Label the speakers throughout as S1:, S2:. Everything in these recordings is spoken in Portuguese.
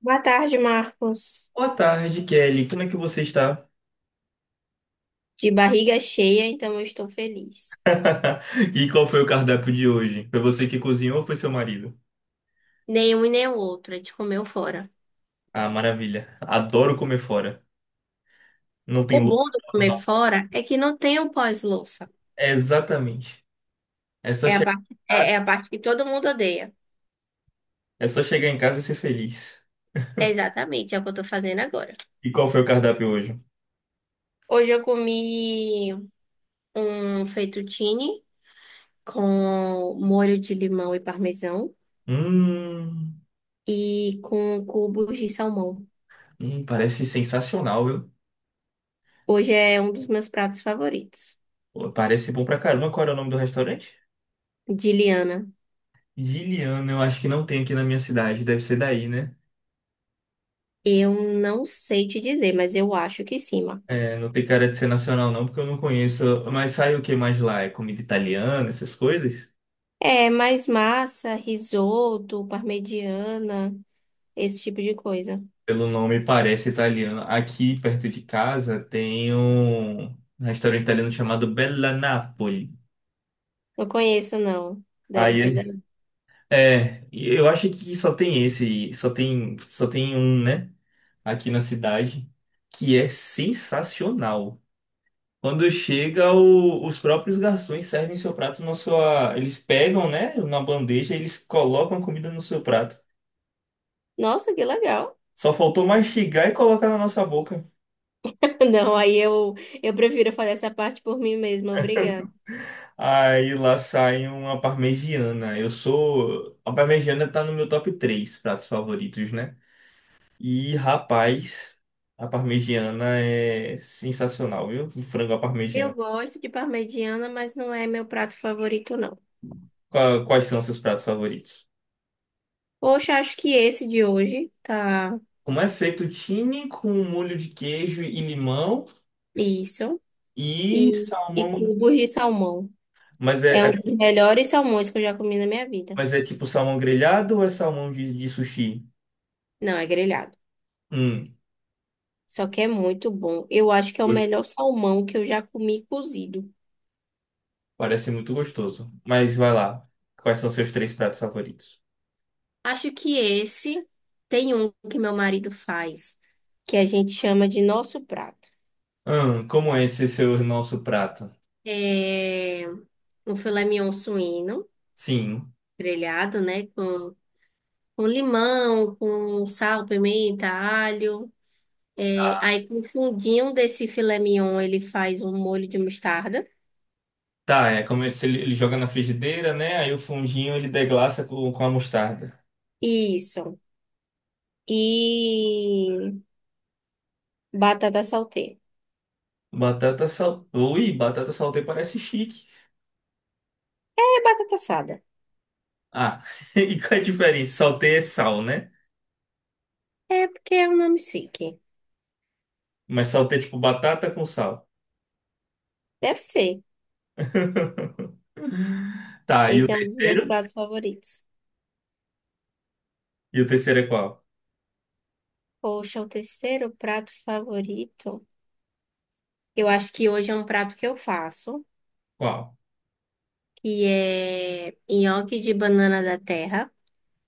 S1: Boa tarde, Marcos.
S2: Boa tarde, Kelly. Como é que você está?
S1: De barriga cheia, então eu estou feliz.
S2: E qual foi o cardápio de hoje? Foi você que cozinhou ou foi seu marido?
S1: Nenhum e nem o outro, a gente comeu fora.
S2: Ah, maravilha. Adoro comer fora. Não tem
S1: O bom
S2: louça
S1: do
S2: pra
S1: comer
S2: lavar.
S1: fora é que não tem o pós-louça.
S2: É exatamente. É só
S1: É a
S2: chegar em
S1: parte, é, é a
S2: casa,
S1: parte que todo mundo odeia.
S2: é só chegar em casa e ser feliz.
S1: É exatamente, é o que eu estou fazendo agora.
S2: E qual foi o cardápio hoje?
S1: Hoje eu comi um fettuccine com molho de limão e parmesão
S2: Hum,
S1: e com cubos de salmão.
S2: parece sensacional, viu?
S1: Hoje é um dos meus pratos favoritos,
S2: Pô, parece bom pra caramba. Qual era o nome do restaurante?
S1: de Liana.
S2: Giliano, eu acho que não tem aqui na minha cidade. Deve ser daí, né?
S1: Eu não sei te dizer, mas eu acho que sim, Marcos.
S2: É, não tem cara de ser nacional não, porque eu não conheço. Mas sai o que mais lá? É comida italiana, essas coisas?
S1: É, mais massa, risoto, parmegiana, esse tipo de coisa.
S2: Pelo nome parece italiano. Aqui perto de casa tem um restaurante italiano chamado Bella Napoli.
S1: Não conheço, não. Deve ser da...
S2: Aí é, e eu acho que só tem esse, só tem um, né? Aqui na cidade, que é sensacional. Quando chega, os próprios garçons servem seu prato na sua. Eles pegam, né, na bandeja, eles colocam a comida no seu prato.
S1: Nossa, que legal.
S2: Só faltou mastigar e colocar na nossa boca.
S1: Não, eu prefiro fazer essa parte por mim mesma, obrigada.
S2: Aí lá sai uma parmegiana. Eu sou. A parmegiana tá no meu top 3 pratos favoritos, né? E rapaz, a parmegiana é sensacional, viu? O frango à
S1: Eu
S2: parmegiana.
S1: gosto de parmegiana, mas não é meu prato favorito, não.
S2: Quais são seus pratos favoritos?
S1: Poxa, acho que esse de hoje tá
S2: Como é feito fettuccine com molho de queijo e limão
S1: isso.
S2: e
S1: E, e
S2: salmão.
S1: cubos de salmão.
S2: Mas
S1: É um
S2: é,
S1: dos melhores salmões que eu já comi na minha vida.
S2: mas é tipo salmão grelhado ou é salmão de sushi?
S1: Não, é grelhado.
S2: Hum.
S1: Só que é muito bom. Eu acho que é o melhor salmão que eu já comi cozido.
S2: Parece muito gostoso. Mas vai lá. Quais são seus três pratos favoritos?
S1: Acho que esse tem um que meu marido faz, que a gente chama de nosso prato.
S2: Como é esse seu nosso prato?
S1: É um filé mignon suíno,
S2: Sim.
S1: grelhado, né? Com limão, com sal, pimenta, alho. É, aí com o fundinho desse filé mignon, ele faz um molho de mostarda.
S2: Tá, é como se ele joga na frigideira, né? Aí o fundinho ele deglaça com a mostarda.
S1: Isso. E batata salteira.
S2: Ui, batata saltei parece chique.
S1: É batata assada.
S2: Ah, e qual é a diferença? Saltei é sal, né?
S1: É porque é um nome chique.
S2: Mas saltei é tipo batata com sal.
S1: Deve ser.
S2: Tá, e o
S1: Esse é um dos meus
S2: terceiro?
S1: pratos favoritos.
S2: E o terceiro é qual?
S1: Poxa, o terceiro prato favorito. Eu acho que hoje é um prato que eu faço,
S2: Qual?
S1: que é nhoque de banana da terra,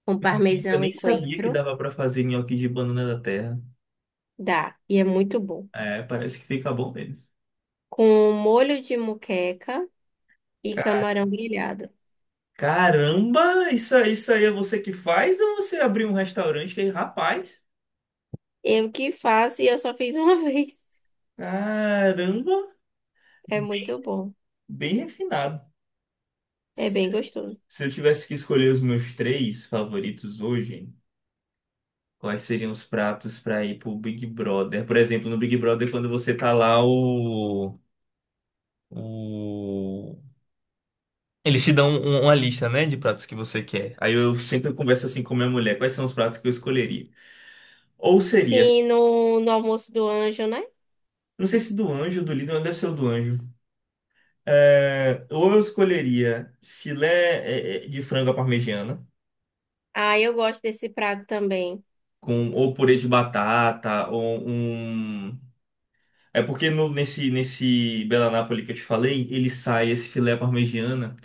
S1: com
S2: Eu
S1: parmesão
S2: nem
S1: e
S2: sabia que
S1: coentro.
S2: dava pra fazer nhoque de banana da terra.
S1: Dá, e é muito bom.
S2: É, parece que fica bom mesmo.
S1: Com molho de moqueca e camarão grelhado.
S2: Caramba, isso aí é você que faz ou você abriu um restaurante que rapaz?
S1: Eu que faço e eu só fiz uma vez.
S2: Caramba,
S1: É
S2: bem,
S1: muito bom.
S2: bem refinado.
S1: É bem gostoso.
S2: Se eu tivesse que escolher os meus três favoritos hoje, quais seriam os pratos para ir pro Big Brother? Por exemplo, no Big Brother, quando você tá lá, o... Eles te dão uma lista, né, de pratos que você quer. Aí eu sempre converso assim com minha mulher, quais são os pratos que eu escolheria? Ou seria,
S1: Sim, no almoço do anjo, né?
S2: não sei se do anjo, ou do líder, mas deve ser o do anjo. É, ou eu escolheria filé de frango à parmegiana,
S1: Ah, eu gosto desse prato também.
S2: com, ou purê de batata, ou um. É porque nesse Bela Napoli que eu te falei, ele sai esse filé à parmegiana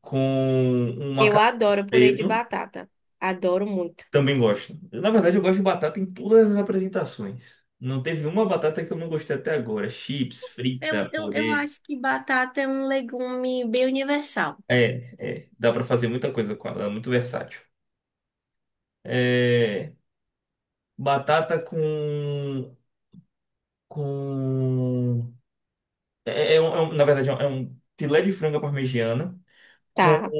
S2: com um
S1: Eu
S2: macarrão
S1: adoro purê de
S2: preto.
S1: batata. Adoro muito.
S2: Também gosto. Na verdade, eu gosto de batata em todas as apresentações. Não teve uma batata que eu não gostei até agora. Chips,
S1: Eu,
S2: frita,
S1: eu, eu
S2: purê.
S1: acho que batata é um legume bem universal.
S2: É, dá pra fazer muita coisa com ela, é muito versátil. É, batata com. É, na verdade, é um filé de frango parmegiana com
S1: Tá.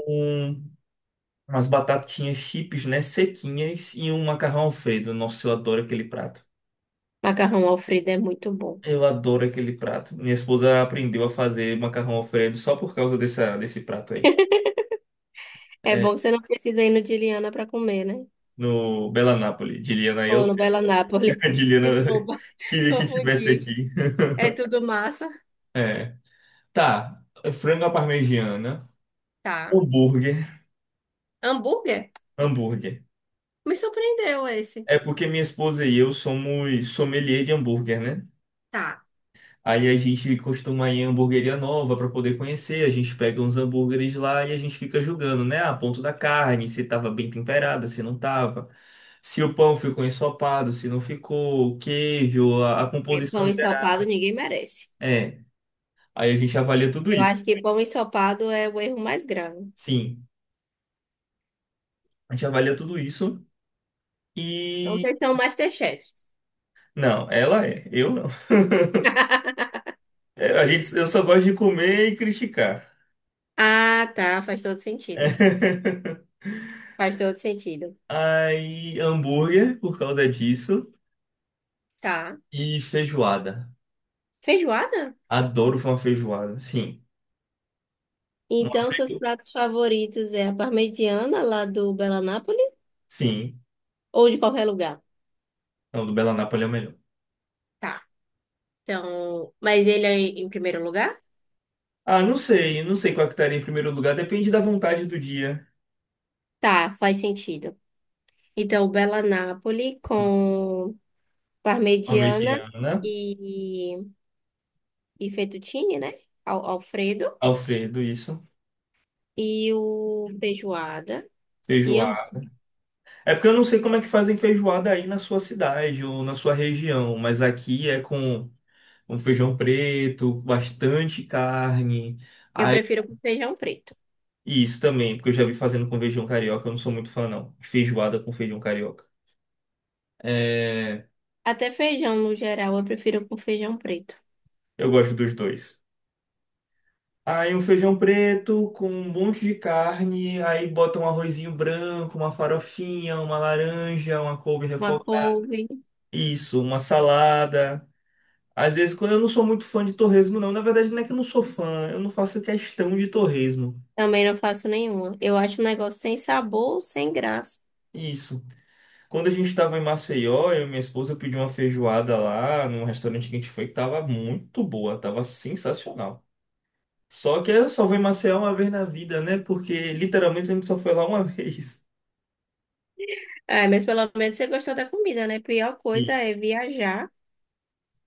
S2: umas batatinhas chips, né? Sequinhas e um macarrão Alfredo. Nossa, eu adoro aquele prato.
S1: Macarrão Alfredo é muito bom.
S2: Eu adoro aquele prato. Minha esposa aprendeu a fazer macarrão Alfredo só por causa dessa, desse prato aí.
S1: É bom
S2: É,
S1: que você não precisa ir no de Liana para comer, né?
S2: no Bela Nápoles. Diliana, eu
S1: Ou no
S2: sei.
S1: Bela Nápoles.
S2: Diliana
S1: Desculpa,
S2: queria que tivesse
S1: confundi.
S2: aqui.
S1: É tudo massa.
S2: É. Tá. Frango à parmegiana.
S1: Tá.
S2: Hambúrguer.
S1: Hambúrguer?
S2: Hambúrguer.
S1: Me surpreendeu esse.
S2: É porque minha esposa e eu somos sommelier de hambúrguer, né?
S1: Tá.
S2: Aí a gente costuma ir em hamburgueria nova para poder conhecer, a gente pega uns hambúrgueres lá e a gente fica julgando, né? A ponto da carne, se tava bem temperada, se não tava, se o pão ficou ensopado, se não ficou, o queijo, a
S1: É, pão
S2: composição geral.
S1: ensopado ninguém merece.
S2: É, aí a gente avalia tudo
S1: Eu
S2: isso.
S1: acho que pão ensopado é o erro mais grave.
S2: Sim, a gente avalia tudo isso
S1: Então,
S2: e
S1: vocês são Masterchefs.
S2: não, ela é, eu não. É, a gente, eu só gosto de comer e criticar.
S1: Ah, tá. Faz todo sentido. Faz todo sentido.
S2: Aí, hambúrguer por causa disso.
S1: Tá.
S2: E feijoada.
S1: Feijoada?
S2: Adoro uma feijoada. Sim. Uma
S1: Então, seus
S2: feijoada.
S1: pratos favoritos é a parmegiana lá do Bela Napoli
S2: Sim.
S1: ou de qualquer lugar?
S2: Não, do Bela Nápoles é o melhor.
S1: Tá. Então, mas ele é em primeiro lugar?
S2: Ah, não sei. Não sei qual é que estaria em primeiro lugar. Depende da vontade do dia.
S1: Tá, faz sentido. Então, Bela Napoli com parmegiana
S2: Parmegiana.
S1: e, e fettuccine, né? Al- Alfredo.
S2: Alfredo, isso.
S1: E o feijoada. E hambú-
S2: Feijoada. É porque eu não sei como é que fazem feijoada aí na sua cidade ou na sua região. Mas aqui é com um feijão preto, bastante carne.
S1: eu prefiro com feijão preto.
S2: E isso também, porque eu já vi fazendo com feijão carioca, eu não sou muito fã, não. De feijoada com feijão carioca. É,
S1: Até feijão, no geral, eu prefiro com feijão preto.
S2: eu gosto dos dois. Aí um feijão preto com um monte de carne, aí bota um arrozinho branco, uma farofinha, uma laranja, uma couve
S1: Uma
S2: refogada.
S1: couve.
S2: Isso, uma salada. Às vezes, quando eu não sou muito fã de torresmo, não. Na verdade, não é que eu não sou fã, eu não faço questão de torresmo.
S1: Também não faço nenhuma. Eu acho um negócio sem sabor, sem graça.
S2: Isso. Quando a gente estava em Maceió, eu e minha esposa pedi uma feijoada lá num restaurante que a gente foi que tava muito boa, tava sensacional. Só que eu só vou em Maceió uma vez na vida, né? Porque literalmente a gente só foi lá uma vez.
S1: Ah, mas pelo menos você gostou da comida, né? Pior coisa
S2: E
S1: é viajar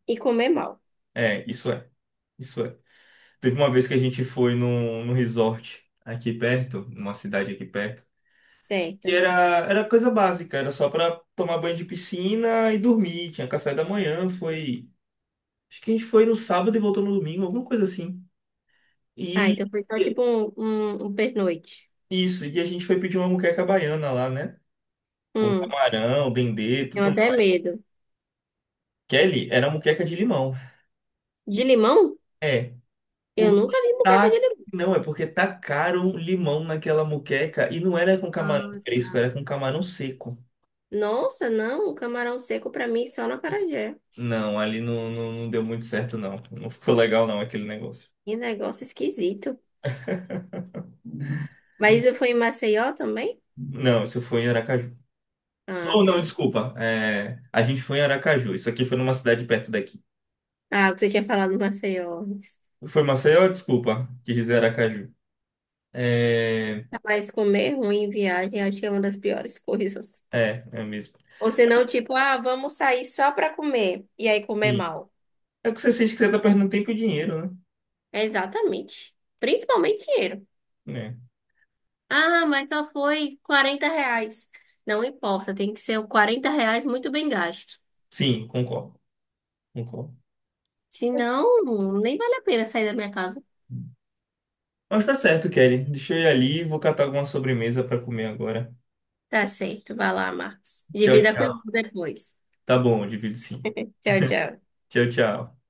S1: e comer mal,
S2: é, isso é. Isso é. Teve uma vez que a gente foi num resort aqui perto, numa cidade aqui perto. E
S1: certo?
S2: era coisa básica, era só pra tomar banho de piscina e dormir. Tinha café da manhã, foi. Acho que a gente foi no sábado e voltou no domingo, alguma coisa assim.
S1: Ah,
S2: E
S1: então foi só tipo um pernoite.
S2: isso, e a gente foi pedir uma moqueca baiana lá, né? Com
S1: Hum,
S2: camarão, dendê,
S1: tenho
S2: tudo
S1: até
S2: mais.
S1: medo.
S2: Kelly, era moqueca de limão.
S1: De limão?
S2: É,
S1: Eu
S2: porque
S1: nunca vi bucata de
S2: tá.
S1: limão.
S2: Não, é porque tacaram limão naquela moqueca e não era com camarão
S1: Ah,
S2: fresco,
S1: tá.
S2: era com camarão seco.
S1: Nossa, não, camarão seco pra mim só no acarajé.
S2: Não, ali não, não, não deu muito certo, não. Não ficou legal, não, aquele negócio.
S1: Que negócio esquisito. Mas isso foi em Maceió também?
S2: Não, isso foi em Aracaju.
S1: Ah,
S2: Ou não,
S1: tá.
S2: desculpa. É, a gente foi em Aracaju. Isso aqui foi numa cidade perto daqui.
S1: Ah, o que você tinha falado em Maceió.
S2: Foi Maceió, desculpa. Quis dizer Aracaju. É,
S1: Mas comer ruim em viagem acho que é uma das piores coisas.
S2: é, é mesmo.
S1: Ou senão, tipo, ah, vamos sair só pra comer. E aí comer mal.
S2: É o que você sente que você tá perdendo tempo e dinheiro,
S1: É exatamente. Principalmente dinheiro.
S2: né? É.
S1: Ah, mas só foi R$ 40. Não importa, tem que ser o R$ 40 muito bem gasto.
S2: Sim, concordo, concordo.
S1: Senão, nem vale a pena sair da minha casa.
S2: Mas tá certo, Kelly. Deixa eu ir ali, e vou catar alguma sobremesa pra comer agora.
S1: Tá certo, vai lá, Marcos.
S2: Tchau,
S1: Divida
S2: tchau.
S1: comigo depois.
S2: Tá bom, eu divido sim.
S1: Tchau, tchau.
S2: Tchau, tchau.